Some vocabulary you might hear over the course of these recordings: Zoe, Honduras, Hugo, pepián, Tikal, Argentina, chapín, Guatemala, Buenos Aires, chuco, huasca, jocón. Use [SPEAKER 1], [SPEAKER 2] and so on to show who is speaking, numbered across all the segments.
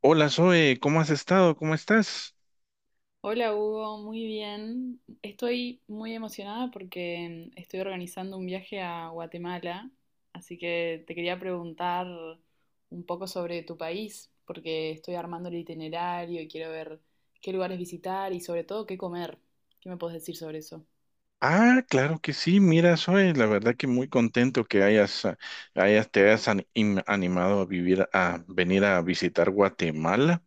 [SPEAKER 1] Hola Zoe, ¿cómo has estado? ¿Cómo estás?
[SPEAKER 2] Hola Hugo, muy bien. Estoy muy emocionada porque estoy organizando un viaje a Guatemala, así que te quería preguntar un poco sobre tu país, porque estoy armando el itinerario y quiero ver qué lugares visitar y sobre todo qué comer. ¿Qué me puedes decir sobre eso?
[SPEAKER 1] Claro que sí, mira Zoe, la verdad que muy contento que hayas, ah, hayas te hayas animado a venir a visitar Guatemala.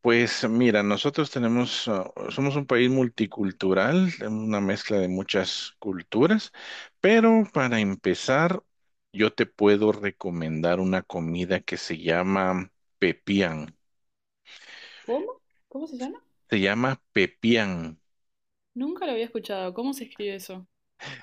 [SPEAKER 1] Pues mira, nosotros tenemos, somos un país multicultural, una mezcla de muchas culturas, pero para empezar, yo te puedo recomendar una comida que se llama pepián.
[SPEAKER 2] ¿Cómo? ¿Cómo se llama?
[SPEAKER 1] Se llama pepián.
[SPEAKER 2] Nunca lo había escuchado. ¿Cómo se escribe eso?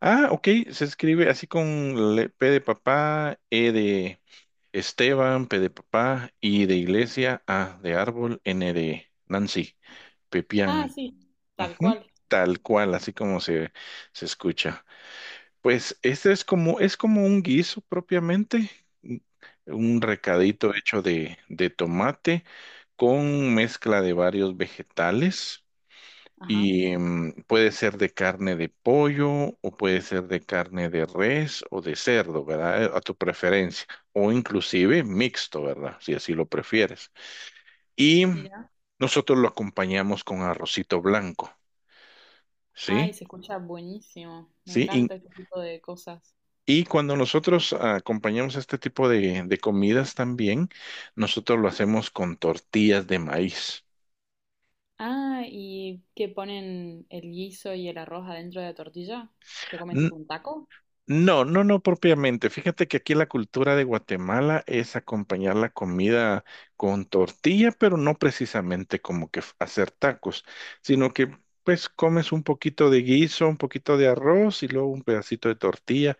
[SPEAKER 1] Ah, ok, se escribe así con P de papá, E de Esteban, P de papá, I de iglesia, A de árbol, N de Nancy,
[SPEAKER 2] Ah,
[SPEAKER 1] pepián.
[SPEAKER 2] sí, tal
[SPEAKER 1] Ujú.
[SPEAKER 2] cual.
[SPEAKER 1] Tal cual, se escucha. Pues este es como un guiso propiamente, un un
[SPEAKER 2] Sí,
[SPEAKER 1] recadito hecho de tomate con mezcla de varios vegetales.
[SPEAKER 2] ajá.
[SPEAKER 1] Y puede ser de carne de pollo, o puede ser de carne de res o de cerdo, ¿verdad? A tu preferencia. O inclusive
[SPEAKER 2] Sí,
[SPEAKER 1] mixto, ¿verdad? Si así lo prefieres. Y
[SPEAKER 2] mira.
[SPEAKER 1] nosotros lo acompañamos con arrocito blanco,
[SPEAKER 2] Ay,
[SPEAKER 1] ¿sí?
[SPEAKER 2] se escucha buenísimo. Me
[SPEAKER 1] Sí.
[SPEAKER 2] encanta este tipo de cosas.
[SPEAKER 1] Y cuando nosotros acompañamos este tipo de comidas también, nosotros lo hacemos con tortillas de maíz.
[SPEAKER 2] Ah, ¿y que ponen el guiso y el arroz adentro de la tortilla? ¿Lo comen tipo un taco?
[SPEAKER 1] No, no, no propiamente. Fíjate que aquí la cultura de Guatemala es acompañar la comida con tortilla, pero no precisamente como que hacer tacos, sino que pues comes un poquito de guiso, un poquito de arroz y luego un pedacito de tortilla.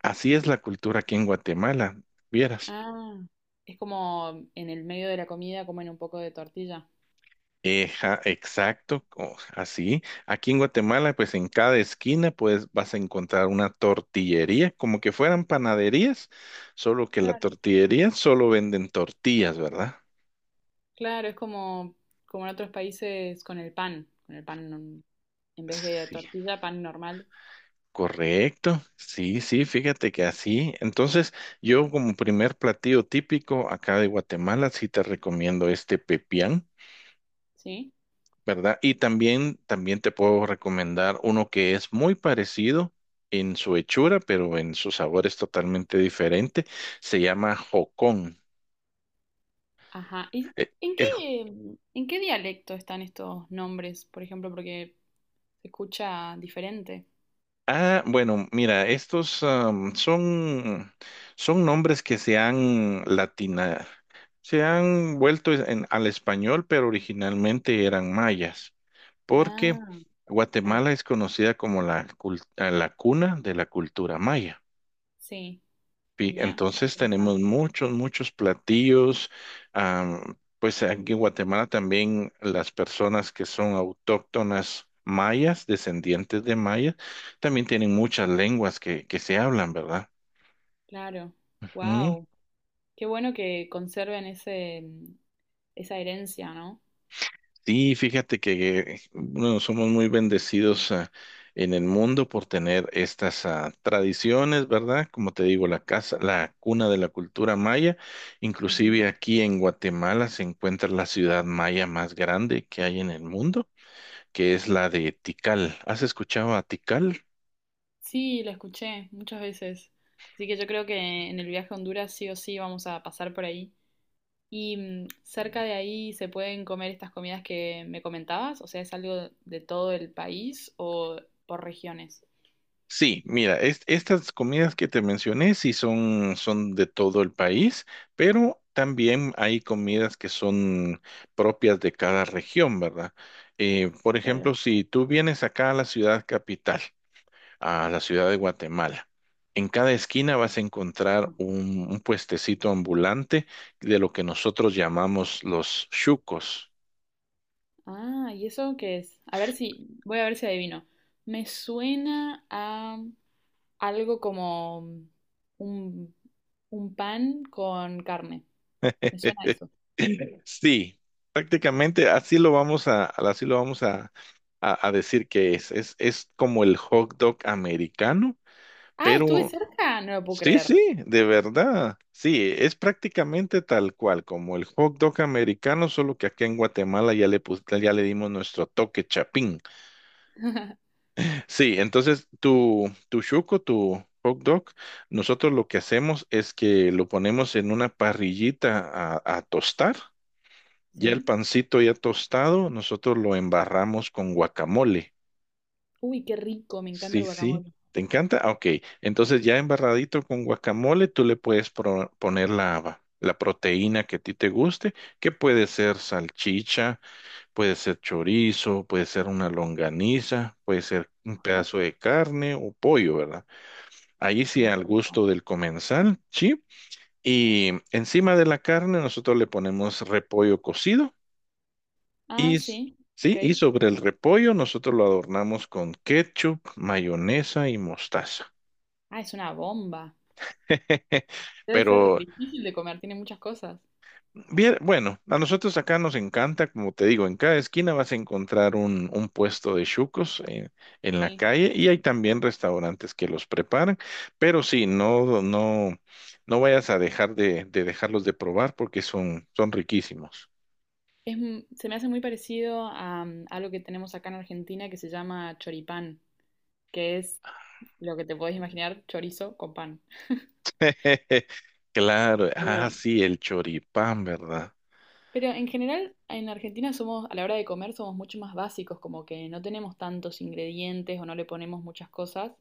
[SPEAKER 1] Así es la cultura aquí en Guatemala, vieras.
[SPEAKER 2] Ah, es como en el medio de la comida comen un poco de tortilla.
[SPEAKER 1] Eja, exacto, así. Aquí en Guatemala, pues en cada esquina, pues vas a encontrar una tortillería, como que fueran panaderías, solo que la
[SPEAKER 2] Claro.
[SPEAKER 1] tortillería solo venden tortillas, ¿verdad?
[SPEAKER 2] Claro, es como, como en otros países con el pan en vez de
[SPEAKER 1] Sí,
[SPEAKER 2] tortilla, pan normal,
[SPEAKER 1] correcto. Sí, sí, fíjate que así. Entonces, yo como primer platillo típico acá de Guatemala, sí te recomiendo este pepián.
[SPEAKER 2] ¿sí?
[SPEAKER 1] ¿Verdad? Y también, también te puedo recomendar uno que es muy parecido en su hechura, pero en su sabor es totalmente diferente. Se llama jocón.
[SPEAKER 2] Ajá. ¿Y
[SPEAKER 1] Eh, el-
[SPEAKER 2] en qué dialecto están estos nombres, por ejemplo? Porque se escucha diferente.
[SPEAKER 1] bueno, mira, estos son nombres que se han vuelto al español, pero originalmente eran mayas, porque
[SPEAKER 2] Ah, claro.
[SPEAKER 1] Guatemala es conocida como la cuna de la cultura maya.
[SPEAKER 2] Sí, mira,
[SPEAKER 1] Entonces tenemos
[SPEAKER 2] interesante.
[SPEAKER 1] muchos, muchos platillos. Pues aquí en Guatemala también las personas que son autóctonas mayas, descendientes de mayas, también tienen muchas lenguas que se hablan, ¿verdad?
[SPEAKER 2] Claro, wow, qué bueno que conserven ese, esa herencia, ¿no?
[SPEAKER 1] Sí, fíjate que bueno, somos muy bendecidos en el mundo por tener estas tradiciones, ¿verdad? Como te digo, la casa, la cuna de la cultura maya.
[SPEAKER 2] Ujú.
[SPEAKER 1] Inclusive aquí en Guatemala se encuentra la ciudad maya más grande que hay en el mundo, que es la de Tikal. ¿Has escuchado a Tikal?
[SPEAKER 2] Sí, la escuché muchas veces, así que yo creo que en el viaje a Honduras sí o sí vamos a pasar por ahí. Y cerca de ahí se pueden comer estas comidas que me comentabas, o sea, ¿es algo de todo el país o por regiones?
[SPEAKER 1] Sí, mira, estas comidas que te mencioné sí son de todo el país, pero también hay comidas que son propias de cada región, ¿verdad? Por
[SPEAKER 2] Claro.
[SPEAKER 1] ejemplo, si tú vienes acá a la ciudad capital, a la ciudad de Guatemala, en cada esquina vas a encontrar un puestecito ambulante de lo que nosotros llamamos los chucos.
[SPEAKER 2] Ah, ¿y eso qué es? A ver voy a ver si adivino. Me suena a algo como un, un pan con carne. Me suena a eso.
[SPEAKER 1] Sí, prácticamente así lo vamos a, así lo vamos a decir que es. Es como el hot dog americano,
[SPEAKER 2] Ah, estuve
[SPEAKER 1] pero
[SPEAKER 2] cerca, no lo puedo
[SPEAKER 1] sí, sí,
[SPEAKER 2] creer.
[SPEAKER 1] de verdad. Sí, es prácticamente tal cual, como el hot dog americano, solo que aquí en Guatemala ya le dimos nuestro toque chapín. Sí, entonces tu chuco, tu hot dog, nosotros lo que hacemos es que lo ponemos en una parrillita a tostar. Ya el
[SPEAKER 2] Sí.
[SPEAKER 1] pancito ya tostado, nosotros lo embarramos con guacamole.
[SPEAKER 2] Uy, qué rico, me encanta el
[SPEAKER 1] Sí, sí.
[SPEAKER 2] guacamole.
[SPEAKER 1] ¿Te encanta? Ah, ok. Entonces ya embarradito con guacamole, tú le puedes poner la proteína que a ti te guste, que puede ser salchicha, puede ser chorizo, puede ser una longaniza, puede ser un
[SPEAKER 2] Ajá.
[SPEAKER 1] pedazo de carne o pollo, ¿verdad? Ahí sí
[SPEAKER 2] Ay, qué
[SPEAKER 1] al
[SPEAKER 2] rico.
[SPEAKER 1] gusto del comensal, sí. Y encima de la carne nosotros le ponemos repollo cocido. Y,
[SPEAKER 2] Ah,
[SPEAKER 1] s-
[SPEAKER 2] sí, ok.
[SPEAKER 1] sí, y sobre el repollo nosotros lo adornamos con ketchup, mayonesa y mostaza.
[SPEAKER 2] Ah, es una bomba. Debe ser
[SPEAKER 1] Pero,
[SPEAKER 2] difícil de comer, tiene muchas cosas.
[SPEAKER 1] bien, bueno, a nosotros acá nos encanta, como te digo, en cada esquina vas a encontrar un puesto de chucos en la
[SPEAKER 2] Sí.
[SPEAKER 1] calle, y hay también restaurantes que los preparan, pero sí, no, no, no vayas a dejar de dejarlos de probar porque son, son riquísimos.
[SPEAKER 2] Se me hace muy parecido a, algo que tenemos acá en Argentina que se llama choripán, que es lo que te podés imaginar, chorizo con pan.
[SPEAKER 1] Claro, ah,
[SPEAKER 2] Pero
[SPEAKER 1] sí, el choripán, ¿verdad?
[SPEAKER 2] Pero en general, en Argentina somos, a la hora de comer, somos mucho más básicos, como que no tenemos tantos ingredientes o no le ponemos muchas cosas,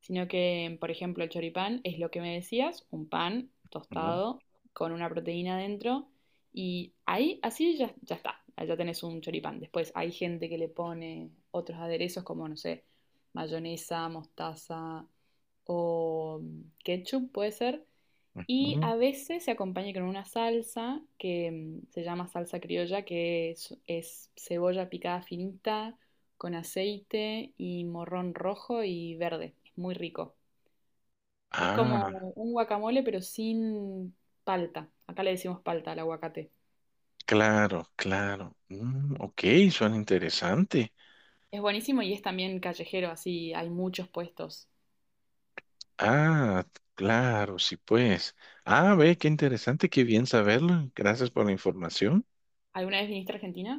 [SPEAKER 2] sino que, por ejemplo, el choripán es lo que me decías, un pan tostado con una proteína dentro y ahí, así ya, ya está, ya tenés un choripán. Después hay gente que le pone otros aderezos como, no sé, mayonesa, mostaza o ketchup, puede ser, y
[SPEAKER 1] Ujú.
[SPEAKER 2] a veces se acompaña con una salsa que se llama salsa criolla, que es cebolla picada finita, con aceite y morrón rojo y verde. Es muy rico. Es como
[SPEAKER 1] Ah,
[SPEAKER 2] un guacamole, pero sin palta. Acá le decimos palta al aguacate.
[SPEAKER 1] claro, claro. Mm, ok, suena interesante.
[SPEAKER 2] Es buenísimo y es también callejero, así hay muchos puestos.
[SPEAKER 1] Ah, claro, sí, pues. Ah, ve, qué interesante, qué bien saberlo. Gracias por la información.
[SPEAKER 2] ¿Alguna vez viniste a Argentina?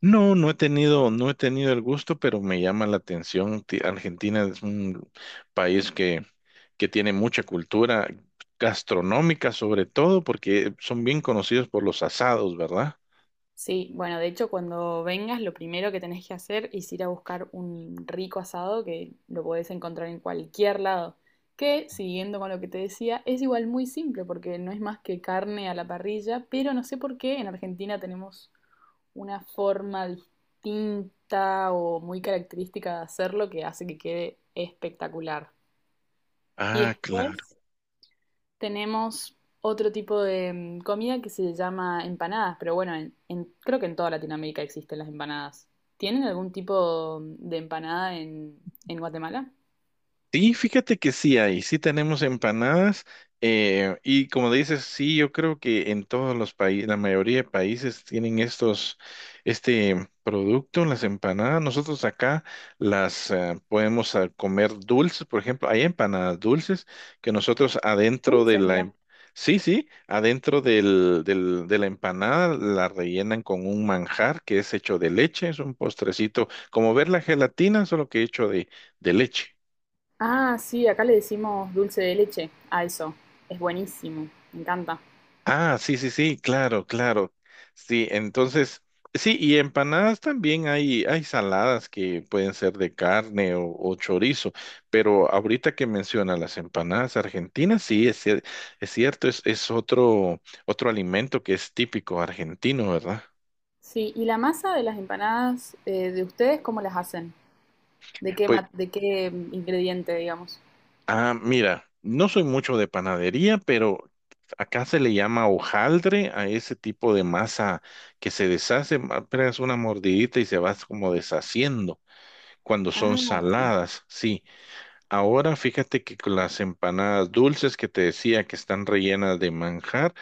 [SPEAKER 1] No, no he tenido, no he tenido el gusto, pero me llama la atención. Argentina es un país que tiene mucha cultura gastronómica, sobre todo, porque son bien conocidos por los asados, ¿verdad?
[SPEAKER 2] Sí, bueno, de hecho, cuando vengas, lo primero que tenés que hacer es ir a buscar un rico asado que lo podés encontrar en cualquier lado. Que, siguiendo con lo que te decía, es igual muy simple porque no es más que carne a la parrilla, pero no sé por qué en Argentina tenemos una forma distinta o muy característica de hacerlo que hace que quede espectacular. Y
[SPEAKER 1] Ah, claro.
[SPEAKER 2] después, tenemos otro tipo de comida que se llama empanadas, pero bueno, creo que en toda Latinoamérica existen las empanadas. ¿Tienen algún tipo de empanada en Guatemala?
[SPEAKER 1] Sí, fíjate que sí hay, sí tenemos empanadas, y como dices, sí, yo creo que en todos los países, la mayoría de países tienen este producto, las empanadas. Nosotros acá las podemos comer dulces, por ejemplo, hay empanadas dulces que nosotros adentro de
[SPEAKER 2] Dulces,
[SPEAKER 1] la,
[SPEAKER 2] mira.
[SPEAKER 1] sí, sí, adentro de la empanada la rellenan con un manjar que es hecho de leche, es un postrecito, como ver la gelatina, solo que hecho de leche.
[SPEAKER 2] Ah, sí, acá le decimos dulce de leche a eso. Es buenísimo, me encanta.
[SPEAKER 1] Ah, sí, sí, sí, claro, claro. Sí, entonces, sí, y empanadas también hay saladas que pueden ser de carne o chorizo, pero ahorita que menciona las empanadas argentinas, sí, es cierto, es otro, otro alimento que es típico argentino, ¿verdad?
[SPEAKER 2] Sí, ¿y la masa de las empanadas de ustedes cómo las hacen? ¿De qué,
[SPEAKER 1] Pues,
[SPEAKER 2] ma- De qué ingrediente, digamos?
[SPEAKER 1] ah, mira, no soy mucho de panadería, pero acá se le llama hojaldre a ese tipo de masa que se deshace, apenas una mordidita y se va como deshaciendo. Cuando son
[SPEAKER 2] Ah, sí,
[SPEAKER 1] saladas, sí. Ahora fíjate que con las empanadas dulces que te decía que están rellenas de manjar,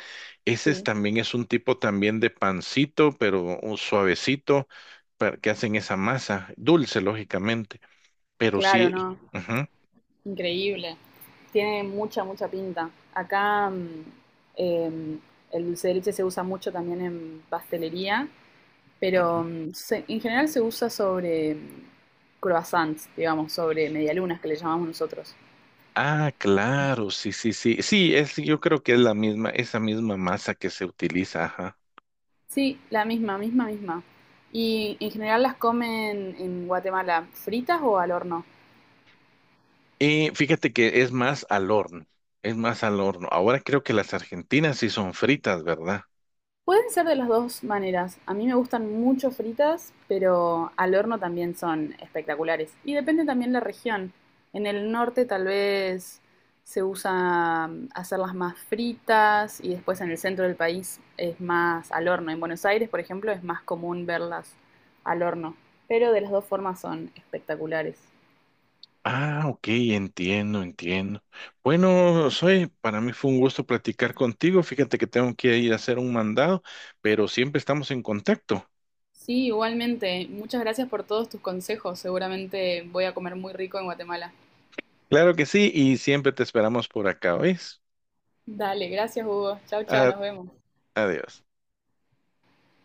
[SPEAKER 1] ese
[SPEAKER 2] sí.
[SPEAKER 1] es un tipo también de pancito, pero un suavecito, que hacen esa masa, dulce lógicamente, pero
[SPEAKER 2] Claro,
[SPEAKER 1] sí.
[SPEAKER 2] no.
[SPEAKER 1] Ujú,
[SPEAKER 2] Increíble. Tiene mucha, mucha pinta. Acá eh, el dulce de leche se usa mucho también en pastelería,
[SPEAKER 1] ujú.
[SPEAKER 2] pero en general se usa sobre croissants, digamos, sobre medialunas que le llamamos nosotros.
[SPEAKER 1] Ah, claro, sí, sí, sí. Sí, es, yo creo que es la misma, esa misma masa que se utiliza, ajá.
[SPEAKER 2] Sí, la misma, misma, misma. Y en general las comen en Guatemala, fritas o al horno.
[SPEAKER 1] Y fíjate que es más al horno, es más al horno. Ahora creo que las argentinas sí son fritas, ¿verdad?
[SPEAKER 2] Pueden ser de las dos maneras. A mí me gustan mucho fritas, pero al horno también son espectaculares. Y depende también la región. En el norte tal vez se usa hacerlas más fritas y después en el centro del país es más al horno. En Buenos Aires, por ejemplo, es más común verlas al horno. Pero de las dos formas son espectaculares.
[SPEAKER 1] Ah, ok, entiendo, entiendo. Bueno, para mí fue un gusto platicar contigo. Fíjate que tengo que ir a hacer un mandado, pero siempre estamos en contacto.
[SPEAKER 2] Sí, igualmente. Muchas gracias por todos tus consejos. Seguramente voy a comer muy rico en Guatemala.
[SPEAKER 1] Claro que sí, y siempre te esperamos por acá, ¿ves?
[SPEAKER 2] Dale, gracias Hugo. Chau, chau,
[SPEAKER 1] A-
[SPEAKER 2] nos vemos.
[SPEAKER 1] Adiós.